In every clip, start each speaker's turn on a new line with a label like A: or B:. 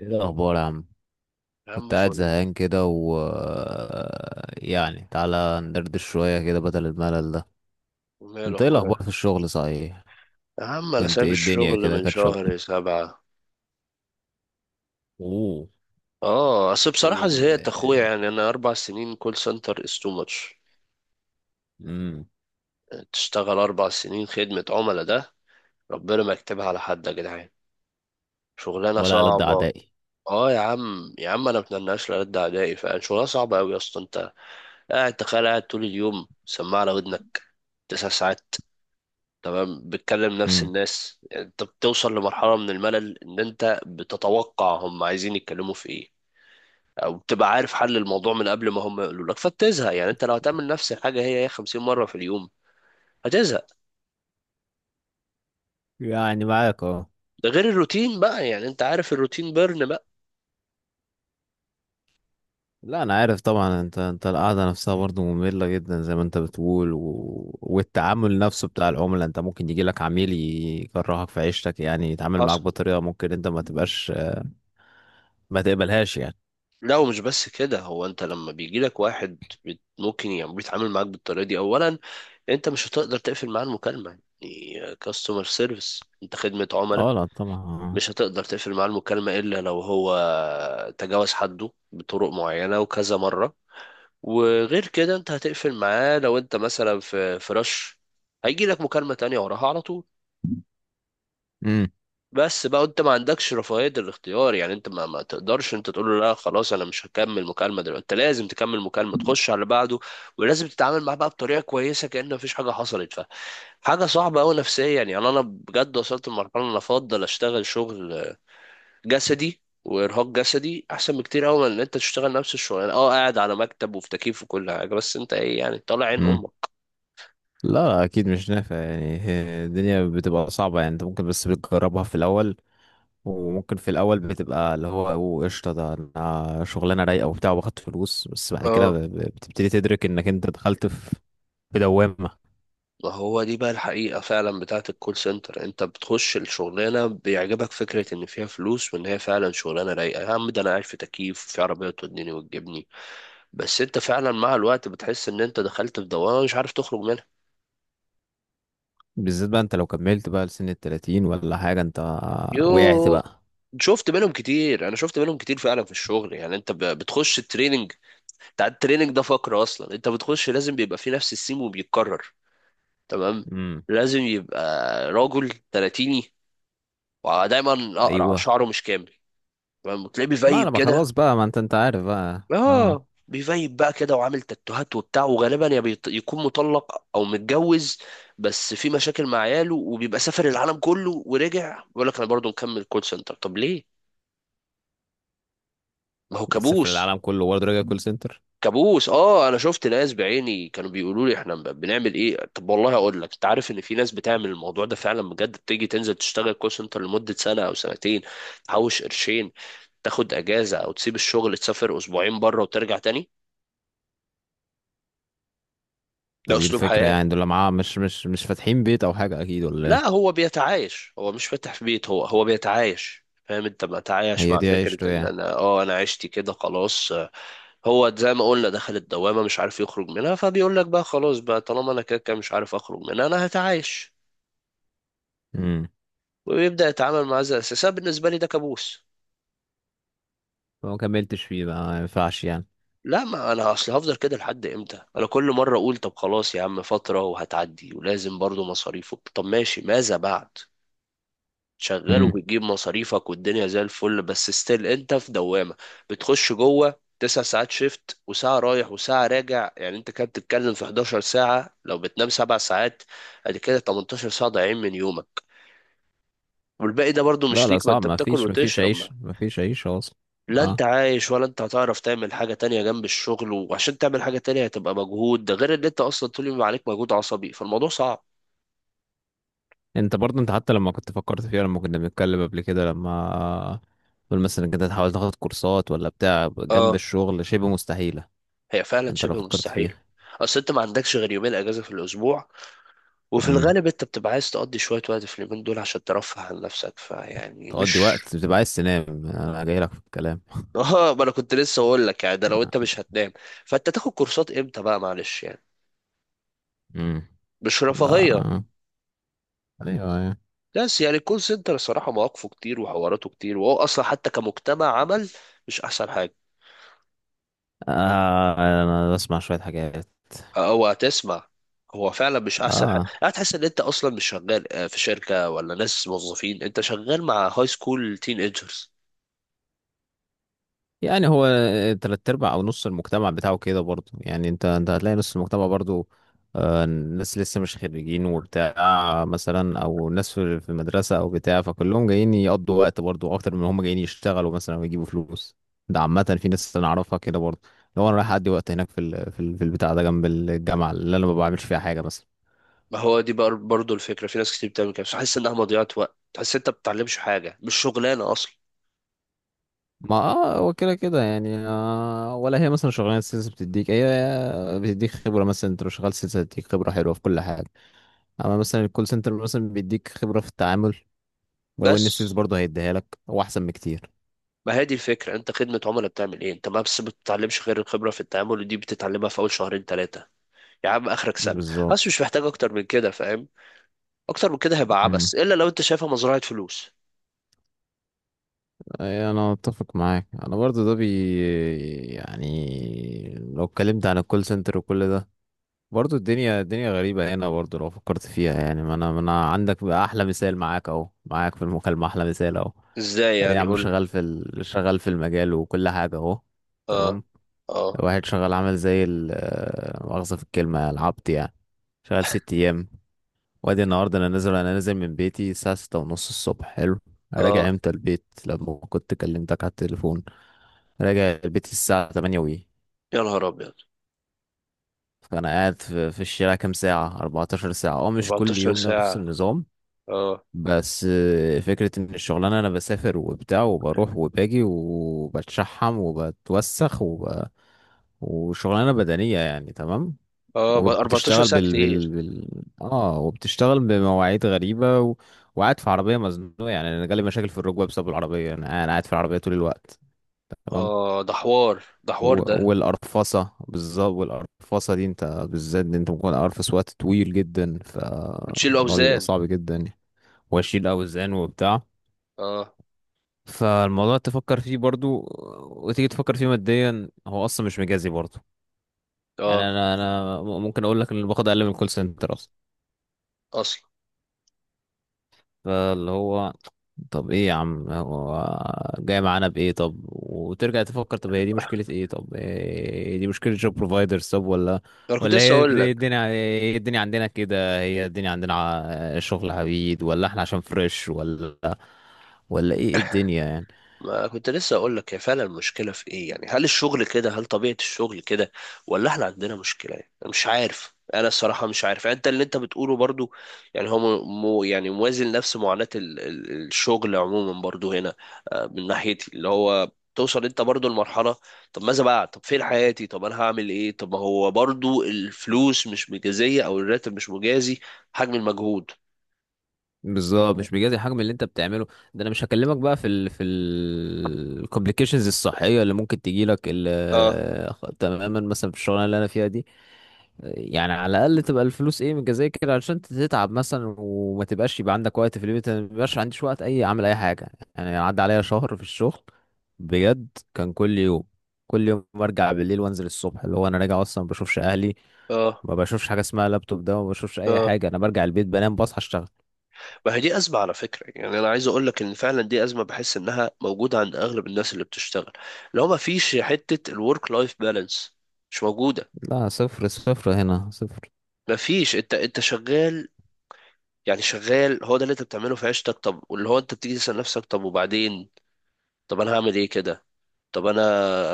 A: ايه الاخبار يا عم؟
B: يا عم
A: كنت قاعد
B: فل.
A: زهقان كده و تعالى ندردش شويه كده بدل الملل ده.
B: وماله
A: انت ايه
B: اخويا.
A: الاخبار في الشغل؟ صحيح
B: يا عم انا
A: كنت،
B: سايب
A: ايه الدنيا
B: الشغل
A: كده
B: من
A: كانت شغل؟
B: شهر سبعة.
A: اوه.
B: اه، اصل بصراحة
A: ايه
B: زهقت
A: ال
B: اخويا، يعني انا 4 سنين كول سنتر، از تو ماتش.
A: امم
B: تشتغل اربع سنين خدمة عملاء ده، ربنا ما يكتبها على حد يا جدعان. شغلانة
A: ولا ألد
B: صعبة.
A: اعدائي.
B: اه يا عم، يا عم انا متناش لرد اعدائي، فعلا شغلانة صعبة اوي يا اسطى. انت قاعد، تخيل قاعد طول اليوم سماعة على ودنك 9 ساعات، تمام، بتكلم نفس
A: امم
B: الناس، يعني انت بتوصل لمرحلة من الملل ان انت بتتوقع هم عايزين يتكلموا في ايه، او بتبقى عارف حل الموضوع من قبل ما هم يقولوا لك فبتزهق. يعني انت لو هتعمل نفس الحاجة هي هي 50 مرة في اليوم هتزهق.
A: يعني معاك، اه.
B: ده غير الروتين بقى، يعني انت عارف الروتين بيرن بقى.
A: لا انا عارف طبعا، انت القعده نفسها برضو ممله جدا زي ما انت بتقول، والتعامل نفسه بتاع العملاء، انت ممكن يجي لك عميل يكرهك في عيشتك، يعني يتعامل
B: حصل.
A: معاك بطريقه ممكن انت ما تبقاش ما تقبلهاش يعني.
B: لا ومش بس كده، هو انت لما بيجي لك واحد ممكن يعني بيتعامل معاك بالطريقة دي اولا، انت مش هتقدر تقفل معاه المكالمة، يعني كاستمر سيرفيس انت خدمة عملاء.
A: اه لا طبعا،
B: مش
A: آه.
B: هتقدر تقفل معاه المكالمة إلا لو هو تجاوز حده بطرق معينة وكذا مرة. وغير كده أنت هتقفل معاه لو أنت مثلا في رش هيجي لك مكالمة تانية وراها على طول.
A: امم
B: بس بقى أنت ما عندكش رفاهية الاختيار، يعني أنت ما تقدرش أنت تقول له لا خلاص أنا مش هكمل مكالمة دلوقتي، أنت لازم تكمل مكالمة تخش على اللي بعده. ولازم تتعامل معاه بقى بطريقة كويسة كأن مفيش حاجة حصلت. فحاجة صعبة أوي نفسيا، يعني أنا بجد وصلت لمرحلة أنا أفضل أشتغل شغل جسدي، وارهاق جسدي احسن بكتير قوي من ان انت تشتغل نفس الشغلانه، اه قاعد على مكتب وفي تكييف وكل حاجه بس انت ايه يعني طالع عين
A: امم
B: امك.
A: لا لا اكيد مش نافع يعني، هي الدنيا بتبقى صعبة يعني، انت ممكن بس بتجربها في الاول، وممكن في الاول بتبقى اللي هو أوه، قشطة ده أنا شغلانة رايقة وبتاع واخد فلوس، بس بعد كده
B: اه
A: بتبتدي تدرك انك انت دخلت في دوامة.
B: ما هو دي بقى الحقيقه فعلا بتاعت الكول سنتر، انت بتخش الشغلانه بيعجبك فكره ان فيها فلوس وان هي فعلا شغلانه رايقه، يا عم ده انا قاعد في تكييف وفي عربيه توديني وتجيبني، بس انت فعلا مع الوقت بتحس ان انت دخلت في دوامه مش عارف تخرج منها.
A: بالذات بقى انت لو كملت بقى لسن التلاتين ولا حاجة، انت وقعت
B: يوه.
A: بقى.
B: شفت منهم كتير، انا شفت منهم كتير فعلا في الشغل. يعني انت بتخش التريننج، بتاع التريننج ده فقرة أصلا، أنت بتخش لازم بيبقى فيه نفس السيم وبيتكرر. تمام.
A: امم
B: لازم يبقى راجل تلاتيني ودايما أقرع
A: ايوه،
B: شعره مش كامل، تمام، وتلاقيه
A: ما
B: بيفيب
A: لما خلاص
B: كده.
A: بقى، ما انت عارف بقى، اه.
B: آه، بيفيب بقى كده وعامل تاتوهات وبتاع، وغالبا يكون مطلق أو متجوز بس في مشاكل مع عياله، وبيبقى سافر العالم كله ورجع بيقول لك أنا برضه مكمل كول سنتر. طب ليه؟ ما هو
A: تسافر
B: كابوس.
A: العالم كله برضه راجع كول سنتر؟
B: كابوس. اه انا شفت ناس بعيني كانوا بيقولوا لي احنا بنعمل ايه. طب والله اقول لك، انت عارف ان في ناس بتعمل الموضوع ده فعلا بجد، بتيجي تنزل تشتغل كول سنتر لمده سنه او سنتين، تحوش قرشين، تاخد اجازه او تسيب الشغل تسافر اسبوعين بره وترجع تاني. ده
A: طب ايه
B: اسلوب
A: الفكرة
B: حياه.
A: يعني؟ دول معاه مش فاتحين بيت او حاجة اكيد، ولا
B: لا
A: ايه؟
B: هو بيتعايش، هو مش فاتح في بيت، هو هو بيتعايش، فاهم، انت بتعايش
A: هي
B: مع
A: دي
B: فكره
A: عيشته
B: ان
A: يعني؟
B: انا عشتي كده خلاص. هو زي ما قلنا دخل الدوامه مش عارف يخرج منها، فبيقول لك بقى خلاص بقى طالما انا كده كده مش عارف اخرج منها انا هتعايش.
A: امم
B: ويبدأ يتعامل معاه زي الأساس. أنا بالنسبة لي ده كابوس.
A: فما كملتش فيه بقى، ما ينفعش يعني.
B: لا، ما أنا أصل هفضل كده لحد إمتى، أنا كل مرة أقول طب خلاص يا عم فترة وهتعدي، ولازم برضو مصاريفه، طب ماشي ماذا بعد، شغال
A: امم
B: وبتجيب مصاريفك والدنيا زي الفل، بس ستيل أنت في دوامة. بتخش جوه 9 ساعات شيفت، وساعة رايح وساعة راجع، يعني أنت كده بتتكلم في 11 ساعة، لو بتنام 7 ساعات أدي كده 18 ساعة ضايعين من يومك، والباقي ده برضو
A: لا
B: مش
A: لا
B: ليك، ما
A: صعب،
B: أنت
A: ما
B: بتاكل
A: فيش ما فيش
B: وتشرب.
A: عيش، ما فيش عيش اصلا.
B: لا انت
A: اه،
B: عايش، ولا انت هتعرف تعمل حاجة تانية جنب الشغل، وعشان تعمل حاجة تانية هتبقى مجهود، ده غير ان انت اصلا طول اليوم عليك مجهود عصبي، فالموضوع صعب.
A: انت برضه، انت حتى لما كنت فكرت فيها لما كنا بنتكلم قبل كده، لما تقول مثلا انك انت تحاول تاخد كورسات ولا بتاع جنب
B: اه.
A: الشغل، شبه مستحيلة
B: هي فعلا
A: انت لو
B: شبه
A: فكرت
B: مستحيل.
A: فيها.
B: اصل انت ما عندكش غير يومين اجازة في الاسبوع، وفي
A: امم
B: الغالب انت بتبقى عايز تقضي شوية وقت في اليومين دول عشان ترفه عن نفسك، فيعني
A: تقضي
B: مش.
A: وقت بتبقى عايز تنام، انا جاي لك في الكلام.
B: اه، ما انا كنت لسه اقول لك، يعني ده لو انت مش هتنام فانت تاخد كورسات امتى بقى معلش يعني.
A: امم
B: مش
A: ده
B: رفاهية.
A: ايوه، أيوة.
B: بس يعني الكول سنتر الصراحة مواقفه كتير وحواراته كتير، وهو اصلا حتى كمجتمع عمل مش احسن حاجة.
A: آه. انا بسمع شوية حاجات.
B: هو هتسمع. هو فعلا مش احسن حاجه،
A: اه
B: هتحس ان انت اصلا مش شغال آه، في شركه ولا ناس موظفين، انت شغال مع هاي سكول تين ايجرز.
A: يعني هو تلات ارباع او نص المجتمع بتاعه كده برضو، يعني انت هتلاقي نص المجتمع برضو آه ناس لسه مش خريجين وبتاع مثلا، او ناس في المدرسة او بتاع، فكلهم جايين يقضوا وقت برضو اكتر من هم جايين يشتغلوا مثلا ويجيبوا فلوس. ده عامة في ناس انا اعرفها كده برضو، لو انا رايح اقضي وقت هناك في البتاع ده جنب الجامعة اللي انا ما بعملش فيها حاجة مثلا.
B: ما هو دي بقى برضه الفكره، في ناس كتير بتعمل كده، تحس انها مضيعه وقت، تحس انت بتتعلمش حاجه، مش شغلانه اصلا.
A: ما اه هو كده كده يعني آه، ولا هي مثلا شغلانه السيلز بتديك، هي بتديك خبره مثلا، انت لو شغال سيلز هتديك خبره حلوه في كل حاجه، اما مثلا الكول سنتر مثلا بيديك خبره في التعامل، ولو
B: بس.
A: ان السيلز برضه هيديها لك هو احسن بكتير.
B: ما هي دي الفكره، انت خدمه عملاء بتعمل ايه؟ انت ما بس بتتعلمش غير الخبره في التعامل ودي بتتعلمها في اول شهرين ثلاثه، يا عم اخرك سنه. بس
A: بالظبط.
B: مش محتاج اكتر من كده، فاهم. اكتر من كده هيبقى
A: امم
B: عبث الا لو انت شايفها مزرعه فلوس.
A: أي انا اتفق معاك، انا برضه ده بي، يعني لو اتكلمت عن الكول سنتر وكل ده، برضو الدنيا، الدنيا غريبة هنا برضو لو فكرت فيها، يعني ما انا عندك بقى احلى مثال معاك اهو، معاك في المكالمة احلى مثال اهو.
B: ازاي
A: ادي يا
B: يعني؟
A: عم
B: قول لي.
A: شغال شغال في المجال وكل حاجة اهو.
B: اه.
A: تمام.
B: اه.
A: واحد شغال عمل زي ال آه، مؤاخذة في الكلمة، العبط يعني، شغال ست ايام. وادي النهاردة انا نازل من بيتي الساعة ستة ونص الصبح، حلو. راجع
B: اه.
A: امتى البيت لما كنت كلمتك على التليفون؟ راجع البيت الساعة تمانية
B: يا نهار ابيض.
A: فانا قاعد في الشارع كام ساعه؟ 14 ساعه، اه، مش كل
B: 14
A: يوم نفس
B: ساعة؟
A: النظام،
B: اه.
A: بس آه، فكره ان الشغلانه انا بسافر وبتاع وبروح وباجي وبتشحم وبتوسخ وشغلانه بدنيه يعني. تمام.
B: اه 14
A: وبتشتغل
B: ساعة كتير.
A: اه وبتشتغل بمواعيد غريبه وقاعد في عربيه مزنوقه، يعني انا جالي مشاكل في الركبه بسبب العربيه، أنا قاعد في العربيه طول الوقت. تمام.
B: اه ده حوار، ده حوار ده.
A: والقرفصة بالظبط، والقرفصة دي انت بالذات دي انت ممكن قرفص وقت طويل جدا،
B: بتشيلوا
A: فالموضوع بيبقى
B: اوزان؟
A: صعب جدا. واشيل اوزان وبتاع،
B: اه.
A: فالموضوع تفكر فيه برضو، وتيجي تفكر فيه ماديا هو اصلا مش مجازي برضو. يعني
B: اه
A: انا ممكن اقول لك ان اللي باخد اقل من الكول سنتر اصلا.
B: اصلا.
A: فاللي هو طب ايه يا عم هو جاي معانا بايه؟ طب وترجع تفكر، طب هي دي مشكلة ايه؟ طب إيه، دي مشكلة جوب بروفايدرز؟ طب ولا،
B: انا كنت لسه
A: هي
B: اقول
A: دي
B: لك.
A: الدنيا؟ هي الدنيا عندنا، ع- شغل عبيد، ولا احنا عشان فريش، ولا ايه؟ إيه الدنيا يعني؟
B: ما كنت لسه اقول لك، هي فعلا المشكله في ايه، يعني هل الشغل كده هل طبيعه الشغل كده، ولا احنا عندنا مشكله، يعني انا مش عارف، انا الصراحه مش عارف، يعني انت اللي انت بتقوله برضو، يعني هو يعني موازن نفس معاناه الشغل عموما برضو هنا. آه، من ناحيتي اللي هو توصل انت برضو لمرحله طب ماذا بعد، طب فين حياتي، طب انا هعمل ايه، طب ما هو برضو الفلوس مش مجازيه او الراتب مش مجازي حجم المجهود.
A: بالظبط مش بيجازي الحجم اللي انت بتعمله. ده انا مش هكلمك بقى في ال في الكومبليكيشنز الصحية اللي ممكن تجيلك
B: اه.
A: تماما مثلا في الشغلانة اللي انا فيها دي. يعني على الاقل تبقى الفلوس ايه متجزيه كده علشان تتعب مثلا وما تبقاش يبقى عندك وقت في البيت، أنا ما بيبقاش عنديش وقت اي اعمل اي حاجه. يعني عدى عليا شهر في الشغل، بجد، كان كل يوم، كل يوم برجع بالليل وانزل الصبح، اللي هو انا راجع اصلا ما بشوفش اهلي،
B: اه.
A: ما بشوفش حاجه اسمها لابتوب، ده ما بشوفش اي
B: اه.
A: حاجه، انا برجع البيت بنام، بصحى اشتغل.
B: ما هي دي أزمة على فكرة، يعني أنا عايز أقول لك إن فعلا دي أزمة، بحس إنها موجودة عند أغلب الناس اللي بتشتغل لو ما فيش حتة الورك لايف بالانس. مش موجودة.
A: لا، صفر صفر هنا، صفر.
B: ما فيش، أنت أنت شغال، يعني شغال، هو ده اللي أنت بتعمله في عيشتك. طب واللي هو أنت بتيجي تسأل نفسك طب وبعدين، طب أنا هعمل إيه كده، طب أنا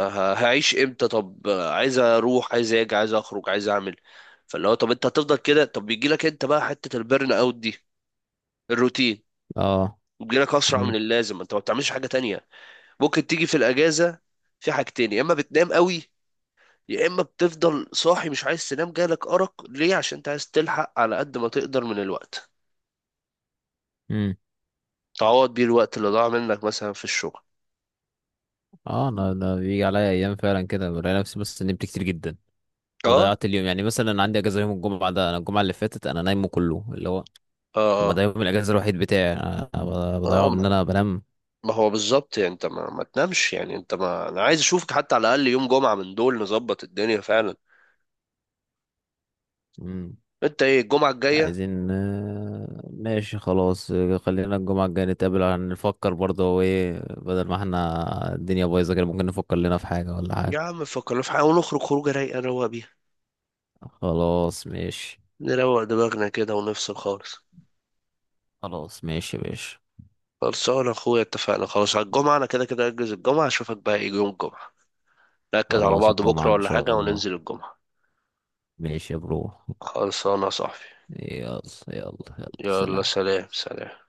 B: هعيش إمتى، طب عايز أروح عايز أجي عايز أخرج عايز أعمل، فاللي هو طب أنت هتفضل كده، طب بيجي لك أنت بقى حتة البرن أوت دي، الروتين.
A: اه.
B: بيجي لك أسرع
A: امم
B: من اللازم، أنت ما بتعملش حاجة تانية. ممكن تيجي في الاجازه في حاجتين: يا اما بتنام قوي، يا اما بتفضل صاحي مش عايز تنام، جالك ارق ليه؟ عشان انت عايز تلحق على قد ما تقدر من الوقت،
A: امم
B: تعوض بيه الوقت اللي ضاع منك مثلا في الشغل.
A: اه انا بيجي عليا ايام فعلا كده بلاقي نفسي بس نمت كتير جدا
B: اه.
A: وضيعت اليوم، يعني مثلا عندي اجازه يوم الجمعه، ده انا الجمعه اللي فاتت انا نايمه كله، اللي هو
B: اه.
A: طب ما ده
B: اه.
A: يوم الاجازه الوحيد بتاعي، انا
B: اه.
A: بضيعه بان
B: ما
A: انا بنام.
B: ما هو بالظبط، يعني انت ما تنامش، يعني انت، ما انا عايز اشوفك حتى على الاقل يوم جمعه من دول نظبط الدنيا فعلا.
A: مم.
B: انت ايه الجمعه الجايه؟
A: عايزين آه، ماشي خلاص، آه، خلينا الجمعه الجايه نتقابل عشان نفكر برضه هو ايه، بدل ما احنا الدنيا بايظه كده ممكن نفكر لنا في حاجه ولا حاجه.
B: يا عم فكرنا في حاجه ونخرج خروجه رايقه نروق بيها،
A: خلاص ماشي.
B: نروق دماغنا كده ونفصل خالص.
A: خلاص ماشي يا باشا.
B: خلصانة اخويا اتفقنا خلاص على الجمعة، انا كده كده اجهز الجمعة، اشوفك بقى ايه يوم الجمعة، نأكد على
A: خلاص
B: بعض
A: الجمعه
B: بكرة
A: ان
B: ولا
A: شاء
B: حاجة
A: الله.
B: وننزل الجمعة.
A: ماشي يا برو.
B: خلصانة يا صاحبي.
A: يلا. يلا. يلا
B: يلا
A: سلام.
B: سلام سلام.